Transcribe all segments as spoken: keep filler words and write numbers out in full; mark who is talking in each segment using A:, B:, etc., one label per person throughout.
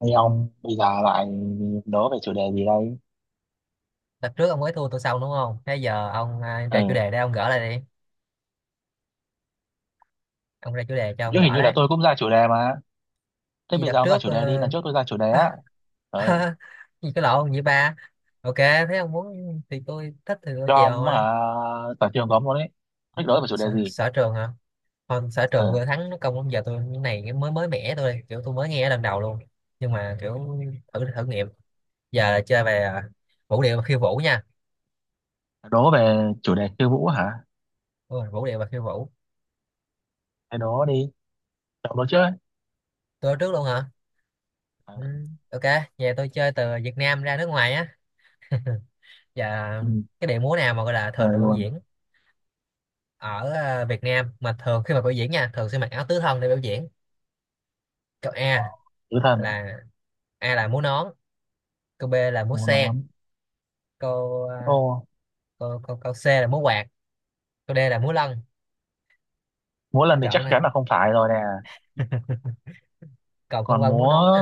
A: Hay ông bây giờ lại đố về chủ đề gì đây?
B: Tập trước ông mới thua tôi xong, đúng không? Thế giờ ông à, ra chủ
A: Ừ.
B: đề đây, ông gỡ lại đi. Ông ra chủ đề cho ông
A: Chứ hình
B: gỡ
A: như là
B: đấy.
A: tôi cũng ra chủ đề mà. Thế
B: Gì
A: bây giờ
B: đợt
A: ông ra
B: trước
A: chủ
B: ờ,
A: đề đi, lần trước tôi ra chủ đề
B: à,
A: á. Ừ,
B: à, gì cái lộn vậy ba. Ok, thế ông muốn thì tôi thích thì tôi
A: cho
B: chèo
A: ông
B: thôi.
A: hả? Toàn trường có ông luôn đấy. Thích đố về chủ đề
B: sở,
A: gì?
B: sở trường hả? Không, sở
A: Ừ,
B: trường vừa thắng nó công, giờ tôi cái này mới mới mẻ, tôi kiểu tôi mới nghe lần đầu luôn. Nhưng mà kiểu thử thử nghiệm. Giờ là chơi về à, vũ điệu và khiêu vũ nha.
A: đố về chủ đề khiêu vũ hả?
B: Đúng rồi, vũ điệu và khiêu vũ.
A: Thế đố đi, cho ông đố trước ấy.
B: Tôi ở trước luôn hả?
A: Ừ,
B: Ừ, ok. Giờ tôi chơi từ Việt Nam ra nước ngoài á. Dạ,
A: ừ,
B: cái điệu múa nào mà gọi là thường
A: trời
B: được biểu
A: luôn,
B: diễn ở ờ, Việt Nam, mà thường khi mà biểu diễn nha, thường sẽ mặc áo tứ thân để biểu diễn. Câu A
A: tứ thần,
B: là, A là múa nón, câu B là múa
A: múa
B: sen,
A: nón.
B: câu ờ,
A: Ô,
B: câu câu, câu C là múa quạt, câu D là múa lân.
A: múa
B: Câu
A: lần thì chắc
B: chọn nè.
A: chắn là không phải rồi nè.
B: Cầu Phong
A: Còn
B: Vân múa
A: múa
B: nón nè,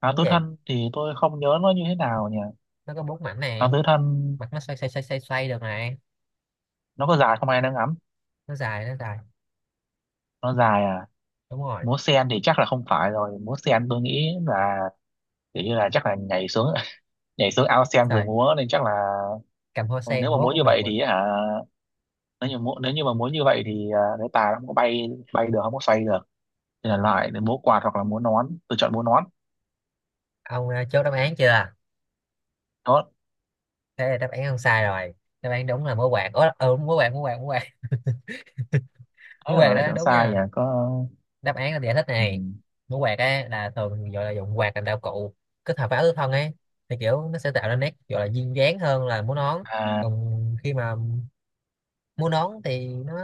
A: áo
B: múa
A: tứ
B: gì?
A: thân thì tôi không nhớ nó như thế nào nhỉ?
B: Nó có bốn mảnh nè,
A: Áo tứ thân
B: mặt nó xoay xoay xoay xoay xoay được này,
A: nó có dài không ai đang ngắm.
B: nó dài, nó dài.
A: Nó dài à?
B: Đúng rồi.
A: Múa sen thì chắc là không phải rồi, múa sen tôi nghĩ là kiểu như là chắc là nhảy xuống nhảy xuống ao sen rồi
B: Rồi,
A: múa nên chắc là
B: cầm hoa sen
A: nếu mà
B: múa
A: múa
B: cũng
A: như
B: được
A: vậy
B: mà.
A: thì hả, nếu như múa nếu như mà múa như vậy thì à, cái tà nó không có bay bay được, không có xoay được thì
B: Ờ,
A: là lại để múa quạt hoặc là múa nón, tôi chọn múa nón
B: ông ờ, chốt đáp án chưa?
A: đó.
B: Thế là đáp án không sai rồi. Đáp án đúng là múa quạt. Ủa, ừ, múa quạt, múa quạt, múa quạt. Mũ
A: Thế
B: quạt
A: là lại
B: đó
A: chọn
B: đúng
A: sai
B: nha,
A: à? Có.
B: đáp án là giải thích
A: Ừ.
B: này. Mũ quạt á là thường gọi là dụng quạt làm đạo cụ kết hợp với áo tứ thân ấy, thì kiểu nó sẽ tạo ra nét gọi là duyên dáng hơn là mũ nón.
A: À,
B: Còn khi mà mũ nón thì nó,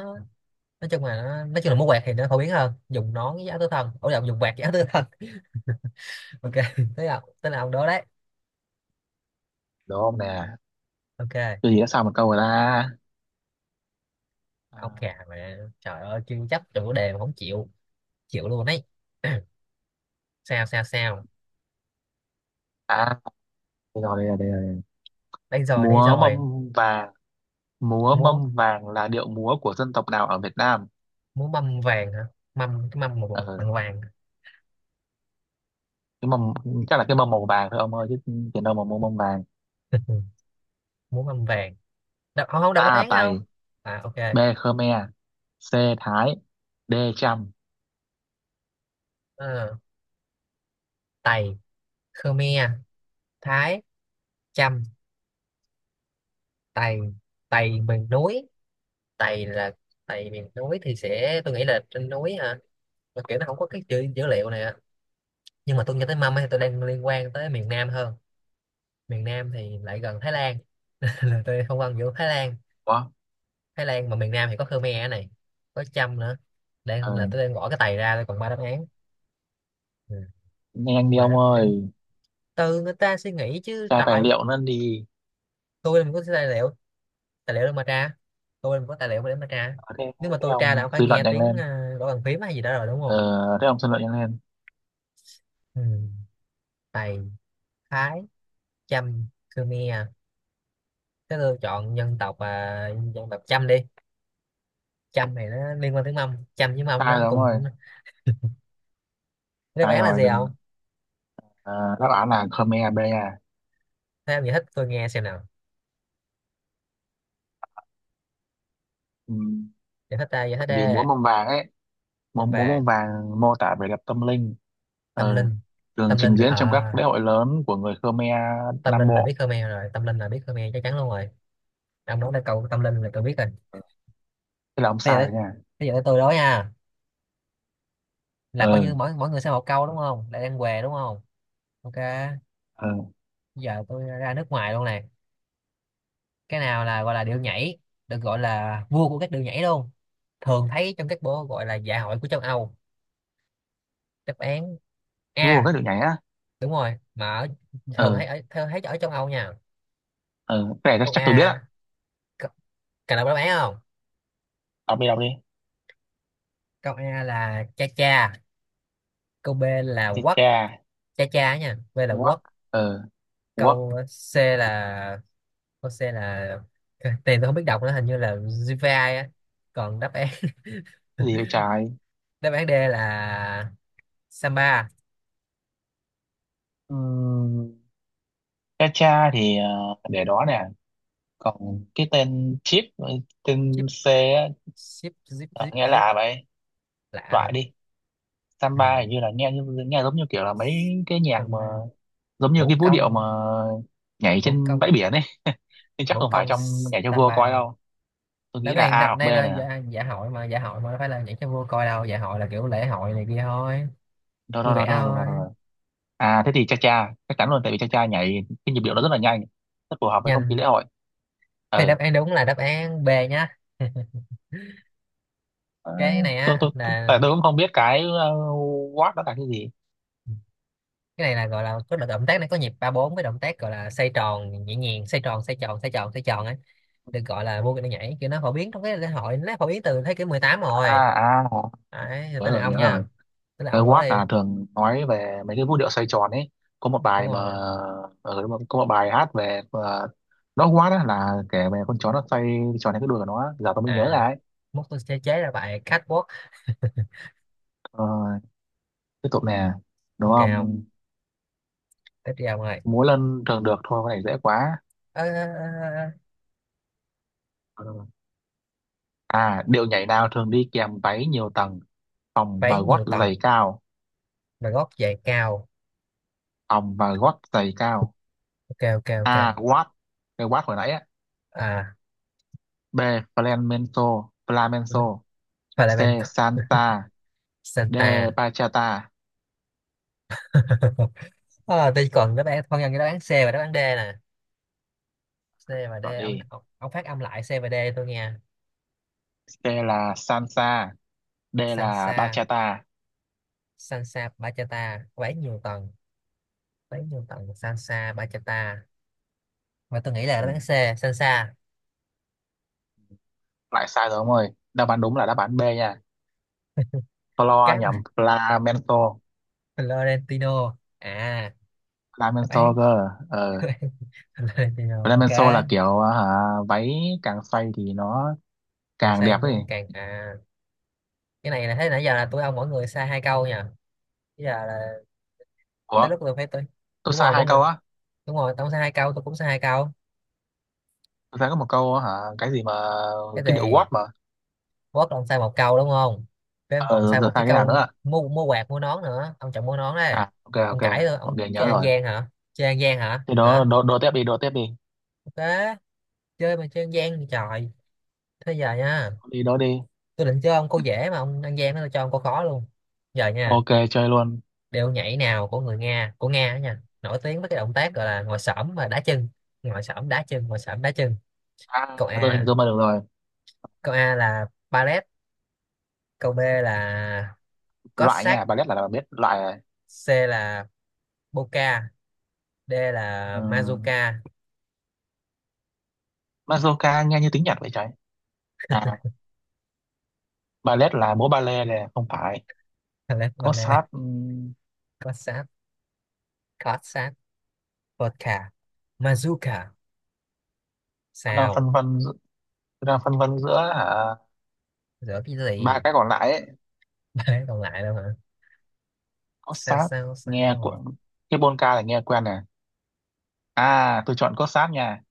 B: nói chung là nó, nói chung là mũ quạt thì nó phổ biến hơn dùng nón với áo tứ thân, ủa lộn, dùng quạt với áo tứ thân. Ok, thế là, thế là ông đó đấy.
A: đúng không nè?
B: Ok,
A: Tôi gì đã sao một câu rồi ta.
B: ông
A: à
B: khà mà trời ơi, chưa chấp trong chủ đề mà không chịu, chịu luôn đấy. Sao sao sao,
A: à, Đây rồi, đây rồi, đây rồi.
B: đây rồi đây
A: Múa mâm
B: rồi.
A: vàng. Múa
B: Múa,
A: mâm vàng là điệu múa của dân tộc nào ở Việt Nam?
B: múa mâm vàng hả? Mâm, cái mâm mà bằng,
A: Ờ,
B: bằng vàng.
A: cái mâm chắc là cái mâm màu vàng thôi ông ơi, chứ tiền đâu mà mua mâm vàng.
B: Muốn âm vàng. Đọc, không không, đọc đáp
A: A
B: án không?
A: Tày,
B: À, ok.
A: B Khmer, C Thái, D Chăm.
B: Ờ, Tày, Khmer, Thái, Chăm. Tày, Tày miền núi. Tày là Tày miền núi thì sẽ, tôi nghĩ là trên núi hả, mà kiểu nó không có cái chữ dữ liệu này á. Nhưng mà tôi nhớ tới mâm ấy, tôi đang liên quan tới miền Nam hơn. Miền Nam thì lại gần Thái Lan, là tôi không ăn giữa Thái Lan.
A: Quá.
B: Thái Lan mà miền Nam thì có Khmer ở này, có Chăm nữa. Đang là
A: Ừ.
B: tôi đang gõ cái Tày ra, tôi còn ba đáp án. Ừ,
A: Nhanh đi
B: ba
A: ông
B: đáp án.
A: ơi,
B: Từ người ta suy nghĩ chứ
A: tra tài
B: trời.
A: liệu nó đi.
B: Tôi làm có tài liệu, tài liệu để mà tra. Tôi làm có tài liệu để mà tra.
A: Ờ, thế
B: Nếu mà
A: thế
B: tôi tra là
A: ông
B: ông phải
A: suy luận
B: nghe
A: nhanh
B: tiếng
A: lên.
B: ờ, gõ bàn phím hay gì đó rồi, đúng
A: ờ,
B: không?
A: Thế ông suy luận nhanh lên.
B: Ừ. Tày, Thái, Chăm, Khmer. Thế tôi chọn dân tộc à, dân tộc Chăm đi. Chăm này nó liên quan tiếng Mông, Chăm với Mông nó
A: Sai rồi ông ơi,
B: cùng. Đáp
A: sai
B: án là
A: rồi
B: gì
A: đừng.
B: không?
A: Ờ, đáp án là Khmer B à.
B: Thế ông giải thích tôi nghe xem nào.
A: Ừ.
B: Giải thích ta, giải thích
A: Tại vì múa
B: đê.
A: mâm vàng ấy, múa,
B: Mông
A: múa
B: vàng.
A: mâm vàng mô tả vẻ đẹp tâm linh.
B: Tâm
A: Ừ,
B: linh,
A: thường
B: tâm linh
A: trình
B: là
A: diễn
B: ờ,
A: trong các lễ hội lớn của người Khmer
B: tâm
A: Nam
B: linh là biết
A: Bộ.
B: Khmer rồi, tâm linh là biết Khmer chắc chắn luôn rồi. Ông nói là câu tâm linh là tôi biết rồi.
A: Thế là ông
B: thế giờ
A: sai
B: tới,
A: rồi nha.
B: thế giờ tới tôi đó nha. Là coi như
A: Ừ.
B: mỗi mỗi người sẽ một câu đúng không, lại đang què đúng không? Ok.
A: Ờ,
B: Giờ tôi ra nước ngoài luôn này. Cái nào là gọi là điệu nhảy được gọi là vua của các điệu nhảy luôn, thường thấy trong các bộ gọi là dạ hội của châu Âu? Đáp án
A: vua
B: A,
A: các đội nhảy á.
B: đúng rồi mà ở, thường
A: Ờ
B: thấy ở thường thấy ở châu Âu nha.
A: ờ, cái này
B: Câu A,
A: chắc tôi biết á.
B: c-, cần đọc đáp án không?
A: Đọc đi, đọc đi.
B: Câu A là cha cha, câu B là quất,
A: Chà,
B: cha cha nha, B là quất.
A: work, quốc. Ờ, quốc.
B: Câu C là Jose là, tên tôi không biết đọc nữa, hình như là Jivai á. Còn đáp án,
A: Gì vậy trái?
B: đáp án D là Samba.
A: Ừm, cha cha thì ờ, để đó nè. Còn cái tên chip, tên
B: zip
A: C á.
B: zip zip
A: ờ,
B: zip
A: Nghe
B: zip.
A: lạ vậy.
B: Lạ hả?
A: Loại đi.
B: Ừ.
A: Samba hình như là nghe như nghe giống như kiểu là mấy cái nhạc mà,
B: Samba.
A: giống như cái
B: Vũ
A: vũ điệu mà
B: công,
A: nhảy
B: vũ
A: trên
B: công,
A: bãi biển ấy nhưng chắc
B: vũ
A: không phải
B: công.
A: trong nhảy cho vua coi
B: Samba.
A: đâu. Tôi
B: Đó, cái
A: nghĩ là
B: này
A: A
B: đợt
A: hoặc B
B: này là
A: nè.
B: dạ, dạ hội mà, dạ hội mà đâu phải là nhảy cho vua coi đâu, dạ hội là kiểu lễ hội này kia thôi,
A: Đó
B: vui
A: đó đó
B: vẻ
A: đó đó, đó,
B: thôi.
A: đó. À, thế thì cha cha chắc chắn luôn, tại vì cha cha nhảy cái nhịp điệu nó rất là nhanh, rất phù hợp với không khí
B: Nhanh.
A: lễ hội.
B: Thế
A: Ừ.
B: đáp án đúng là đáp án B nhá.
A: Ờ.
B: Cái này
A: Tôi
B: á
A: tôi tôi-
B: là,
A: tại tôi cũng không biết cái uh, Watt đó là cái gì.
B: cái này là gọi là có động tác này, có nhịp ba bốn với động tác gọi là xoay tròn nhẹ nhàng, xoay tròn xoay tròn xoay tròn xoay tròn ấy, được gọi là vô cái nhảy kiểu nó phổ biến trong cái lễ hội, nó phổ biến từ thế kỷ mười tám
A: À,
B: rồi.
A: à,
B: Đấy, rồi
A: nhớ
B: tới là
A: rồi,
B: ông
A: nhớ
B: nha,
A: rồi.
B: tới là
A: Cái
B: ông đổ
A: Watt
B: đi.
A: là thường nói về mấy cái vũ điệu xoay tròn ấy. Có một bài
B: Đúng
A: mà,
B: rồi.
A: ừ, đúng rồi, có một bài hát về ờ, nó, Watt á là kể về con chó nó xoay tròn cái đuôi của nó. Giờ tôi mới nhớ
B: À,
A: ra ấy.
B: mốt tôi sẽ chế ra bài catwalk.
A: Ờ, tiếp tục nè. Đúng
B: Ok không,
A: không?
B: tiếp đi ông ơi.
A: Múa lân thường được, thôi cái này dễ quá.
B: Ơ, ơ, ơ, ơ,
A: Ờ. À, điệu nhảy nào thường đi kèm váy nhiều tầng, vòng
B: váy
A: và gót
B: nhiều tầng
A: giày cao,
B: và gót giày cao.
A: vòng và gót giày cao
B: Ok ok ok.
A: A. Watt, cái watt hồi nãy á.
B: À,
A: B. Flamenco, flamenco. C.
B: Valentine,
A: Salsa, D.
B: Santa.
A: Bachata.
B: À, tôi còn đáp án phân nhân cái đáp án C và đáp án D nè. C và D
A: Chọn
B: ông,
A: đi.
B: ông ông phát âm lại C và D tôi nghe.
A: C là salsa, D là
B: Sansa.
A: bachata.
B: Sansa, Bachata có nhiều tầng, bán nhiều tầng. Sansa, Bachata. Và tôi nghĩ là đáp
A: Ừ.
B: án C, Sansa.
A: Lại sai rồi ông ơi. Đáp án đúng là đáp án B nha. Flo
B: Cáp.
A: nhầm flamenco,
B: Florentino à? Đáp
A: flamenco
B: án,
A: cơ. Ờ.
B: đáp án Florentino, ok.
A: Flamenco là kiểu hả, váy càng xoay thì nó
B: Càng
A: càng
B: say
A: đẹp ấy.
B: nó càng à cái này là thấy nãy giờ là tôi ông mỗi người sai hai câu nha. Bây giờ là
A: Ủa,
B: tới lúc tôi phải tôi.
A: tôi
B: Đúng
A: sai
B: rồi, mỗi
A: hai
B: người.
A: câu á?
B: Đúng rồi, ông sai hai câu, tôi cũng sai hai câu.
A: Tôi sai có một câu á hả? Cái gì mà?
B: Cái
A: Cái điệu Watt
B: gì.
A: mà.
B: Vót là ông sai một câu đúng không, với em còn
A: ờ
B: sai
A: Giờ
B: một cái
A: sai cái nào nữa
B: câu
A: à?
B: mua, mua quạt mua nón nữa, ông chọn mua nón đấy.
A: À, ok
B: Ông
A: ok
B: cãi rồi,
A: ok,
B: ông
A: nhớ
B: chơi ăn
A: rồi.
B: gian hả, chơi ăn gian hả
A: Thế đó,
B: hả?
A: đố đố tiếp đi, đố tiếp đi.
B: Ok. Chơi mà chơi ăn gian thì trời. Thế giờ nha,
A: Đi đố đi.
B: tôi định cho ông câu dễ mà ông ăn gian nó, cho ông câu khó luôn. Giờ nha,
A: Ok, chơi luôn.
B: điệu nhảy nào của người Nga, của Nga đó nha, nổi tiếng với cái động tác gọi là ngồi xổm và đá chân, ngồi xổm đá chân ngồi xổm đá chân.
A: À,
B: Câu
A: tôi hình
B: A,
A: dung ra được rồi.
B: câu A là ballet, câu B là
A: Loại
B: Cossack,
A: nha, ballet là là biết loại rồi.
B: C là Polka, D
A: Ừ.
B: là Mazuka.
A: Mazurka nghe như tiếng Nhật vậy trời. À, ballet là múa ballet này, không phải.
B: Lát
A: Có
B: và là
A: sát, ừm,
B: cốt sát, cốt sát, vodka, Mazuka.
A: tôi đang
B: Sao,
A: phân vân giữa- tôi đang phân vân giữa hả,
B: rửa cái
A: ba
B: gì,
A: cái còn lại ấy.
B: ba cái còn lại đâu hả?
A: Có
B: Sao
A: sát,
B: sao
A: nghe
B: sao.
A: của cái polka là nghe quen nè. À, tôi chọn cốt sáp nha.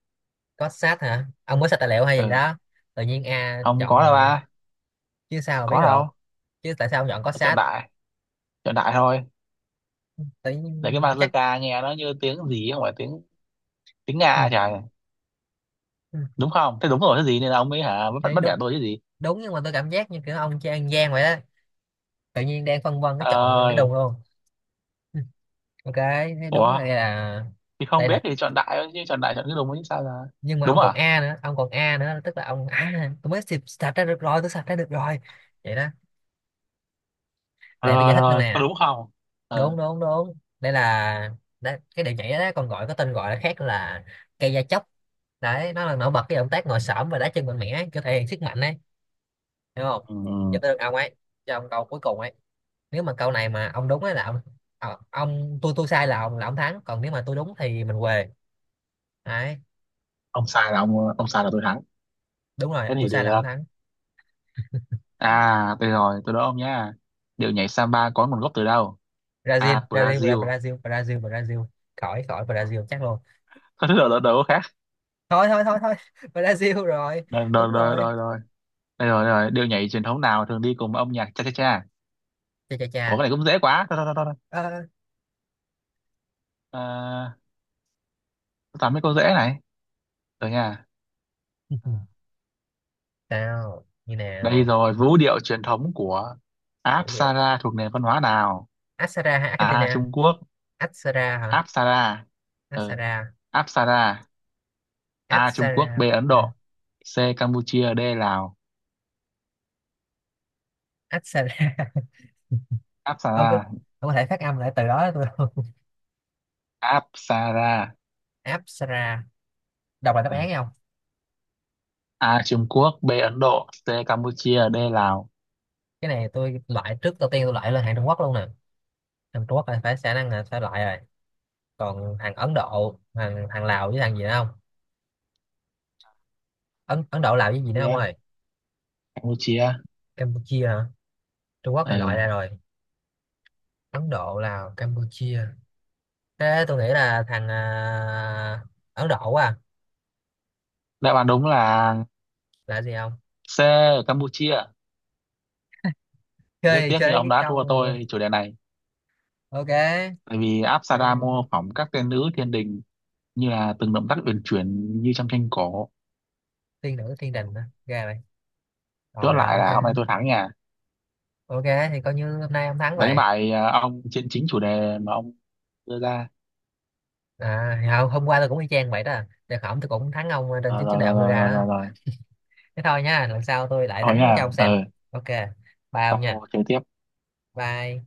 B: Cốt sát hả? Ông có sạch tài liệu hay gì
A: Ừ,
B: đó, tự nhiên A
A: không
B: chọn
A: có đâu
B: là,
A: ba.
B: chứ sao mà biết
A: Có
B: được,
A: đâu.
B: chứ tại sao ông chọn cốt
A: Tôi chọn
B: sát,
A: đại, chọn đại thôi.
B: tự
A: Để cái
B: nhiên chắc.
A: bazooka nghe nó như tiếng gì không phải tiếng tiếng
B: Ừ,
A: Nga trời.
B: ừ,
A: Đúng không? Thế đúng rồi, cái gì nên là ông ấy hả, bắt
B: thấy
A: bắt bẻ
B: đúng,
A: tôi chứ gì.
B: đúng. Nhưng mà tôi cảm giác như kiểu ông chơi ăn gian vậy đó, tự nhiên đang phân vân cái chọn cái
A: Ơi.
B: đùng luôn. Ừ, ok. Thế đúng là
A: Ủa,
B: đây là,
A: thì không
B: đây là.
A: biết thì chọn đại thôi, chứ chọn đại chọn cái đúng chứ sao là.
B: Nhưng mà ông
A: Đúng
B: còn
A: à?
B: a nữa, ông còn a nữa, tức là ông à tôi mới sạch, sạch ra được rồi, tôi sạch ra được rồi vậy đó. Để tôi
A: Rồi
B: giải thích nữa
A: rồi, có
B: nè.
A: đúng không?
B: Đúng
A: Ừ.
B: đúng đúng, đây là, đấy, cái điệu nhảy đó còn gọi có tên gọi là khác là cây da chóc đấy, nó là nổi bật cái động tác ngồi xổm và đá chân mạnh mẽ, kiểu thể hiện sức mạnh đấy, hiểu không.
A: Ừ.
B: Giờ tới được ông ấy, cho ông câu cuối cùng ấy. Nếu mà câu này mà ông đúng ấy là ông, ờ, ông tôi tôi sai là ông, là ông thắng, còn nếu mà tôi đúng thì mình què, đấy.
A: Ông sai là ông ông sai là tôi thắng.
B: Đúng rồi,
A: Thế
B: tôi
A: thì
B: sai là
A: được.
B: ông thắng.
A: À, tôi rồi, tôi đố ông nhá. Điệu nhảy samba có nguồn gốc từ đâu? A.
B: Brazil Brazil Bra-
A: Brazil.
B: Brazil Brazil Brazil. Khỏi khỏi,
A: Ủa?
B: Brazil chắc luôn.
A: Có thứ đầu đầu khác.
B: Thôi thôi thôi thôi, Brazil rồi.
A: Rồi,
B: Đúng
A: rồi, rồi,
B: rồi.
A: rồi, rồi. Đây rồi, đây rồi. Điệu nhảy truyền thống nào thường đi cùng với âm nhạc cha cha cha?
B: Chà chà chà.
A: Ủa, cái này cũng dễ quá. Thôi, thôi, thôi, thôi. thôi.
B: Ờ,
A: À, tôi toàn mấy câu dễ này. Rồi nha.
B: sao như
A: Đây
B: nào.
A: rồi, vũ điệu truyền thống của
B: Thủ điệu
A: Apsara thuộc nền văn hóa nào?
B: Asara hay
A: A.
B: Argentina?
A: Trung Quốc.
B: Asara hả?
A: Apsara. Ừ.
B: Asara,
A: Apsara. A. Trung Quốc. B.
B: Asara,
A: Ấn Độ. C. Campuchia. D. Lào.
B: Asara. Ông có,
A: Apsara.
B: ông có thể phát âm lại từ đó cho tôi không?
A: Apsara.
B: Apsara. Đọc lại đáp
A: Ừ.
B: án không?
A: A. Trung Quốc. B. Ấn Độ. C. Campuchia. D. Lào.
B: Cái này tôi loại trước đầu tiên, tôi loại lên hàng Trung Quốc luôn nè, hàng Trung Quốc là phải khả năng là phải loại rồi. Còn hàng Ấn Độ, hàng hàng Lào với hàng gì nữa không. Ấn Ấn Độ làm cái gì nữa ông
A: Yeah.
B: ơi.
A: Campuchia.
B: Campuchia hả? Trung Quốc hay
A: Ừ.
B: loại ra rồi. Ấn Độ, Lào, Campuchia. Thế tôi nghĩ là thằng à, Ấn Độ quá à.
A: Đáp án đúng là
B: Là gì không?
A: C, ở Campuchia. Rất
B: Chơi,
A: tiếc như
B: chơi
A: ông
B: cái
A: đã
B: câu.
A: thua tôi chủ đề này.
B: Ok.
A: Tại vì
B: Ờ,
A: Apsara mô phỏng các tên nữ thiên đình, như là từng động tác uyển chuyển như trong tranh cổ.
B: tiên nữ thiên
A: Ừ.
B: đình hả? Ra vậy.
A: Chốt
B: Rồi rồi
A: lại
B: ok.
A: là hôm nay tôi thắng nha,
B: Ok, thì coi như hôm nay ông thắng
A: đánh
B: vậy.
A: bại ờ, ông trên chính chủ đề mà ông đưa ra.
B: À, thì hôm hôm qua tôi cũng y chang vậy đó, để hỏng tôi cũng thắng ông à, trên
A: Ờ,
B: chính chủ
A: rồi
B: đề
A: rồi
B: ông đưa
A: rồi
B: ra
A: rồi rồi
B: đó.
A: rồi.
B: Thế thôi nha, lần sau tôi lại
A: Thôi
B: thắng cho
A: nha.
B: ông xem.
A: Ừ.
B: Ok, bye ông nha.
A: Sau chơi tiếp.
B: Bye.